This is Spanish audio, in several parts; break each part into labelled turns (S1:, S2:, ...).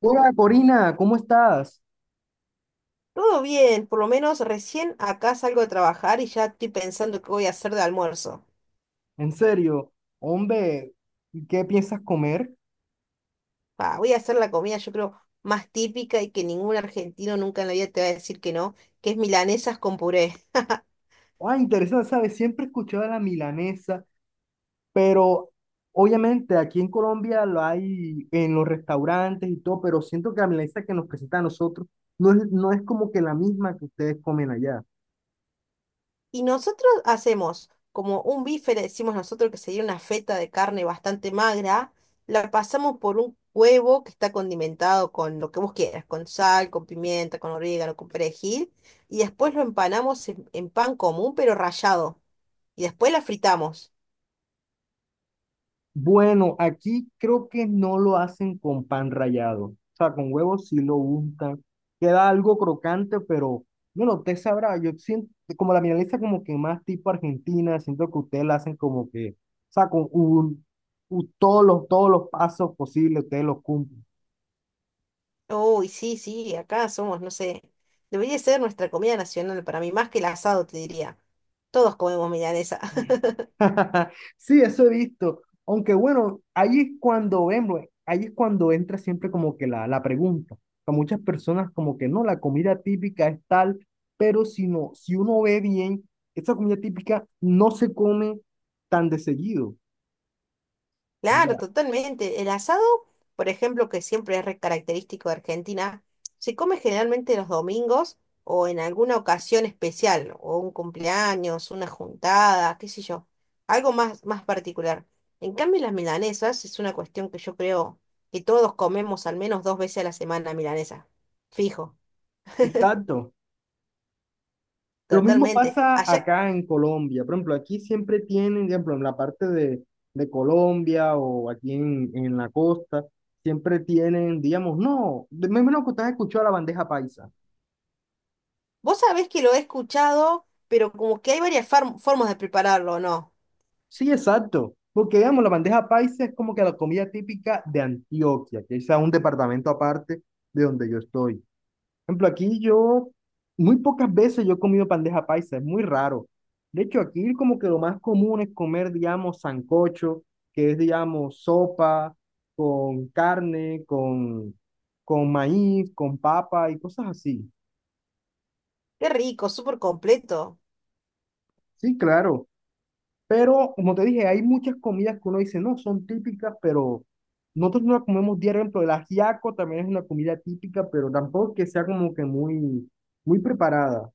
S1: Hola Corina, ¿cómo estás?
S2: Todo bien, por lo menos recién acá salgo de trabajar y ya estoy pensando qué voy a hacer de almuerzo.
S1: En serio, hombre, ¿qué piensas comer?
S2: Pa, voy a hacer la comida, yo creo, más típica y que ningún argentino nunca en la vida te va a decir que no, que es milanesas con puré.
S1: Ah, interesante, ¿sabes? Siempre he escuchado de la milanesa, pero obviamente aquí en Colombia lo hay en los restaurantes y todo, pero siento que la milanesa que nos presenta a nosotros no es como que la misma que ustedes comen allá.
S2: Y nosotros hacemos como un bife, le decimos nosotros que sería una feta de carne bastante magra, la pasamos por un huevo que está condimentado con lo que vos quieras, con sal, con pimienta, con orégano, con perejil, y después lo empanamos en pan común pero rallado, y después la fritamos.
S1: Bueno, aquí creo que no lo hacen con pan rallado. O sea, con huevos sí lo untan. Queda algo crocante, pero bueno, usted sabrá. Yo siento como la milanesa como que más tipo argentina, siento que ustedes la hacen como que, o sea, todos todos los pasos posibles, ustedes los cumplen.
S2: Uy, sí, sí, acá somos, no sé, debería ser nuestra comida nacional para mí, más que el asado, te diría. Todos comemos milanesa.
S1: Sí, eso he visto. Aunque bueno, ahí es cuando vemos, ahí es cuando entra siempre como que la pregunta. A muchas personas como que no, la comida típica es tal, pero si no, si uno ve bien, esa comida típica no se come tan de seguido.
S2: Claro,
S1: Ya.
S2: totalmente. El asado, por ejemplo, que siempre es re característico de Argentina, se come generalmente los domingos o en alguna ocasión especial, o un cumpleaños, una juntada, qué sé yo, algo más, más particular. En cambio, las milanesas es una cuestión que yo creo que todos comemos al menos dos veces a la semana milanesa. Fijo,
S1: Exacto. Lo mismo
S2: totalmente.
S1: pasa
S2: Allá.
S1: acá en Colombia. Por ejemplo, aquí siempre tienen, por ejemplo, en la de Colombia o en la costa, siempre tienen, digamos, no, me imagino que usted escuchó la bandeja paisa.
S2: Vos sabés que lo he escuchado, pero como que hay varias formas de prepararlo, ¿no?
S1: Sí, exacto. Porque, digamos, la bandeja paisa es como que la comida típica de Antioquia, que es a un departamento aparte de donde yo estoy. Ejemplo, aquí yo, muy pocas veces yo he comido bandeja paisa, es muy raro. De hecho, aquí como que lo más común es comer, digamos, sancocho, que es, digamos, sopa con carne, con maíz, con papa y cosas así.
S2: Qué rico, súper completo.
S1: Sí, claro. Pero, como te dije, hay muchas comidas que uno dice, no, son típicas, pero nosotros no las comemos diario. Por ejemplo, el ajiaco también es una comida típica, pero tampoco que sea como que muy preparada.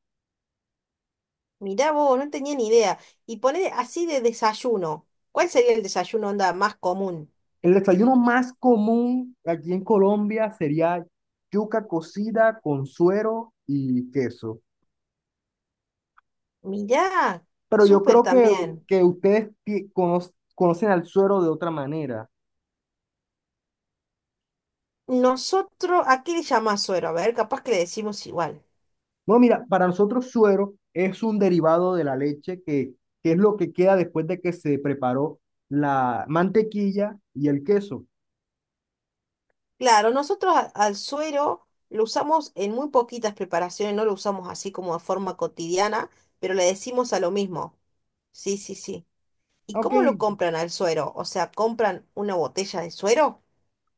S2: Mirá vos, no tenía ni idea. Y poner así de desayuno. ¿Cuál sería el desayuno onda más común?
S1: El desayuno más común aquí en Colombia sería yuca cocida con suero y queso.
S2: Mirá,
S1: Pero yo
S2: súper
S1: creo
S2: también.
S1: que ustedes conocen al suero de otra manera.
S2: Nosotros, ¿a qué le llamás suero? A ver, capaz que le decimos igual.
S1: Bueno, mira, para nosotros suero es un derivado de la leche que es lo que queda después de que se preparó la mantequilla y el queso.
S2: Claro, nosotros al suero lo usamos en muy poquitas preparaciones, no lo usamos así como de forma cotidiana, pero le decimos a lo mismo. Sí, sí, sí. ¿Y
S1: Ok,
S2: cómo lo compran al suero? O sea, ¿compran una botella de suero?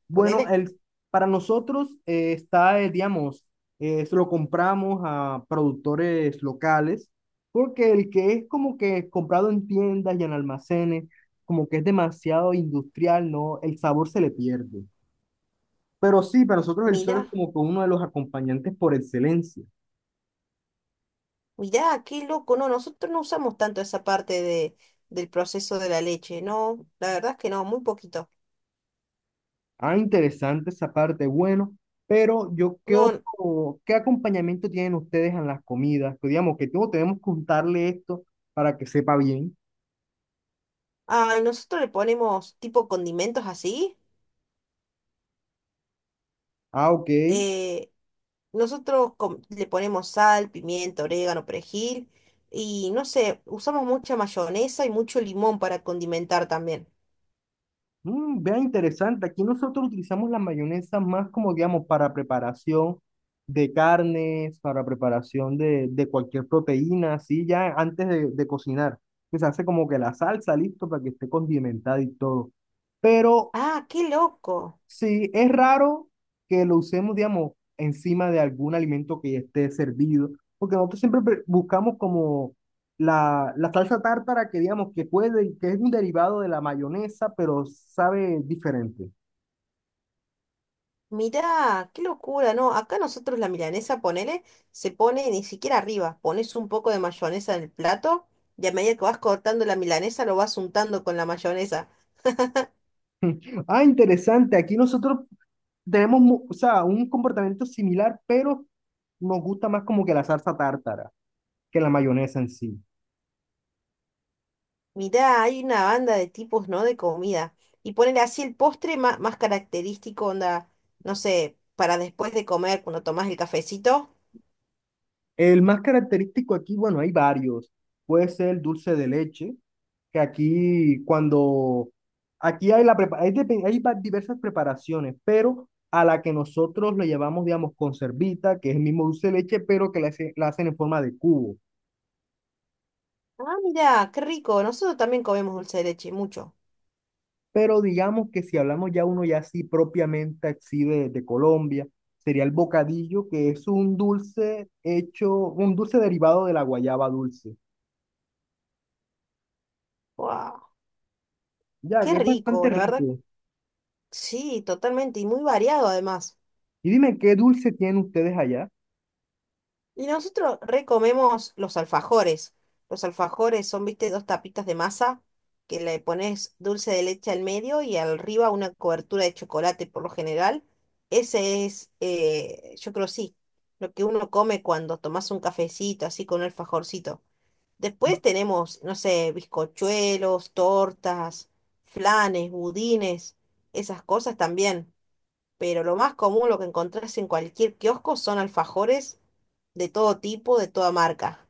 S1: bueno,
S2: Ponele.
S1: para nosotros está, digamos, se lo compramos a productores locales, porque el que es como que comprado en tiendas y en almacenes, como que es demasiado industrial, ¿no? El sabor se le pierde. Pero sí, para nosotros el sol
S2: Mirá,
S1: es como que uno de los acompañantes por excelencia.
S2: mirá, qué loco. No, nosotros no usamos tanto esa parte de, del proceso de la leche. No, la verdad es que no, muy poquito.
S1: Ah, interesante esa parte, bueno, pero yo, ¿qué
S2: No,
S1: otro, qué acompañamiento tienen ustedes en las comidas? Que digamos, que tengo, tenemos que contarle esto para que sepa bien.
S2: ay, nosotros le ponemos tipo condimentos así.
S1: Ah, ok.
S2: eh, Nosotros le ponemos sal, pimienta, orégano, perejil. Y no sé, usamos mucha mayonesa y mucho limón para condimentar también.
S1: Mm, vea interesante, aquí nosotros utilizamos la mayonesa más como, digamos, para preparación de carnes, para preparación de cualquier proteína, así ya antes de cocinar, que se hace como que la salsa listo para que esté condimentada y todo. Pero
S2: Ah, qué loco.
S1: sí, es raro que lo usemos, digamos, encima de algún alimento que ya esté servido, porque nosotros siempre buscamos como la salsa tártara que, digamos, que puede, que es un derivado de la mayonesa, pero sabe diferente.
S2: Mirá, qué locura, ¿no? Acá nosotros la milanesa, ponele, se pone ni siquiera arriba, pones un poco de mayonesa en el plato y a medida que vas cortando la milanesa lo vas untando con la mayonesa.
S1: Ah, interesante. Aquí nosotros tenemos, o sea, un comportamiento similar, pero nos gusta más como que la salsa tártara que la mayonesa en sí.
S2: Mirá, hay una banda de tipos, ¿no? De comida. Y ponele así el postre más, característico, onda, no sé, para después de comer, cuando tomás el cafecito.
S1: El más característico aquí, bueno, hay varios. Puede ser el dulce de leche, que aquí cuando, aquí hay, la, prepa- hay, depe- hay va- diversas preparaciones, pero a la que nosotros le llamamos, digamos, conservita, que es el mismo dulce de leche, pero que la hacen en forma de cubo.
S2: Ah, mirá, qué rico, nosotros también comemos dulce de leche, mucho.
S1: Pero digamos que si hablamos ya uno ya así propiamente así de Colombia, sería el bocadillo, que es un dulce hecho, un dulce derivado de la guayaba dulce.
S2: ¡Wow!
S1: Ya,
S2: Qué
S1: que es bastante
S2: rico, la verdad,
S1: rico.
S2: sí, totalmente, y muy variado además.
S1: Y dime, ¿qué dulce tienen ustedes allá?
S2: Y nosotros recomemos los alfajores. Los alfajores son, viste, dos tapitas de masa que le pones dulce de leche al medio y arriba una cobertura de chocolate por lo general. Ese es, yo creo sí, lo que uno come cuando tomas un cafecito así con un alfajorcito. Después tenemos, no sé, bizcochuelos, tortas, flanes, budines, esas cosas también, pero lo más común, lo que encontrás en cualquier kiosco, son alfajores de todo tipo, de toda marca.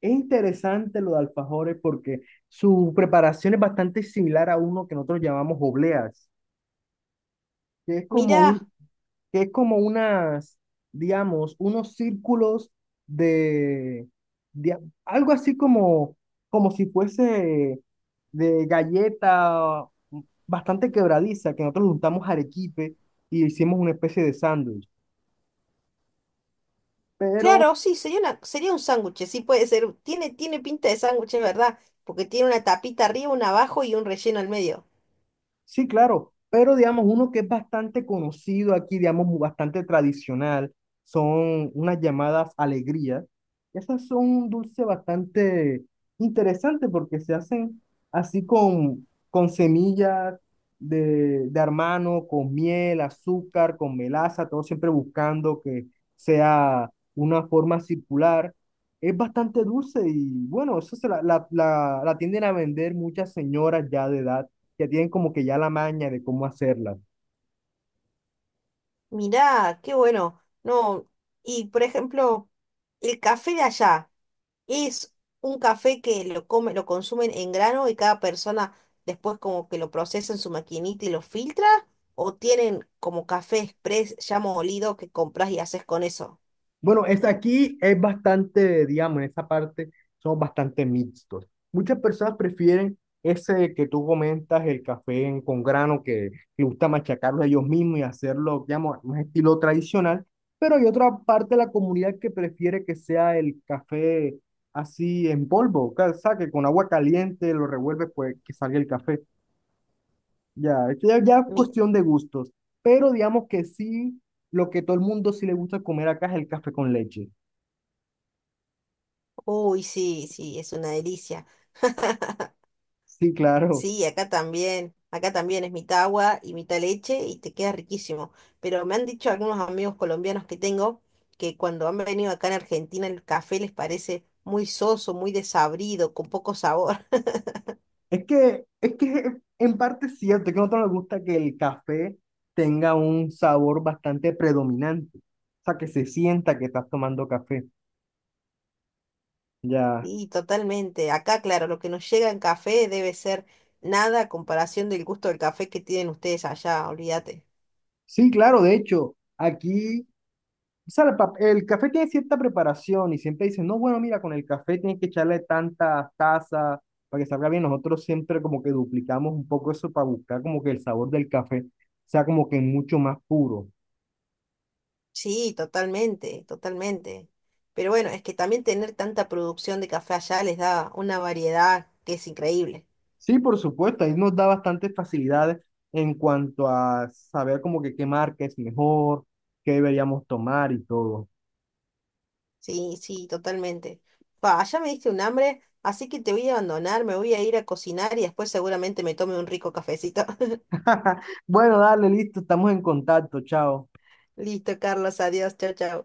S1: Es interesante lo de alfajores porque su preparación es bastante similar a uno que nosotros llamamos obleas, que es como
S2: Mirá,
S1: un, que es como unas, digamos, unos círculos de, de algo así como, como si fuese de galleta bastante quebradiza, que nosotros le juntamos arequipe y hicimos una especie de sándwich. Pero
S2: claro, sí, sería una, sería un sándwich, sí puede ser, tiene, tiene pinta de sándwich, es verdad, porque tiene una tapita arriba, una abajo y un relleno al medio.
S1: sí, claro, pero digamos, uno que es bastante conocido aquí, digamos, bastante tradicional, son unas llamadas alegrías. Esas son un dulce bastante interesante porque se hacen así con semillas de armano, con miel, azúcar, con melaza, todo siempre buscando que sea una forma circular. Es bastante dulce y bueno, eso se la tienden a vender muchas señoras ya de edad que tienen como que ya la maña de cómo hacerlas.
S2: Mirá, qué bueno, no, y por ejemplo, el café de allá. Es un café que lo come, lo consumen en grano y cada persona después como que lo procesa en su maquinita y lo filtra, o tienen como café express ya molido que compras y haces con eso.
S1: Bueno, es aquí es bastante, digamos, en esa parte son bastante mixtos. Muchas personas prefieren ese que tú comentas, el café con grano, que les gusta machacarlo ellos mismos y hacerlo, digamos, un estilo tradicional, pero hay otra parte de la comunidad que prefiere que sea el café así en polvo, o sea, que con agua caliente lo revuelves, pues que salga el café. Ya, ya es
S2: Mi-
S1: cuestión de gustos, pero digamos que sí, lo que todo el mundo sí le gusta comer acá es el café con leche.
S2: Uy, sí, sí, es una delicia.
S1: Sí, claro.
S2: Sí, acá también es mitad agua y mitad leche y te queda riquísimo. Pero me han dicho algunos amigos colombianos que tengo que cuando han venido acá en Argentina el café les parece muy soso, muy desabrido, con poco sabor.
S1: Es que en parte es cierto, es que a nosotros nos gusta que el café tenga un sabor bastante predominante, o sea, que se sienta que estás tomando café. Ya.
S2: Sí, totalmente. Acá, claro, lo que nos llega en café debe ser nada a comparación del gusto del café que tienen ustedes allá, olvídate.
S1: Sí, claro, de hecho, aquí o sea, el café tiene cierta preparación y siempre dicen, no, bueno, mira, con el café tienes que echarle tantas tazas para que salga bien. Nosotros siempre como que duplicamos un poco eso para buscar como que el sabor del café sea como que mucho más puro.
S2: Sí, totalmente, totalmente. Pero bueno, es que también tener tanta producción de café allá les da una variedad que es increíble.
S1: Sí, por supuesto, ahí nos da bastantes facilidades en cuanto a saber como que qué marca es mejor, qué deberíamos tomar y todo.
S2: Sí, sí, totalmente. Pa, ya me diste un hambre, así que te voy a abandonar, me voy a ir a cocinar y después seguramente me tome un rico cafecito.
S1: Bueno, dale, listo, estamos en contacto, chao.
S2: Listo, Carlos, adiós, chao, chao.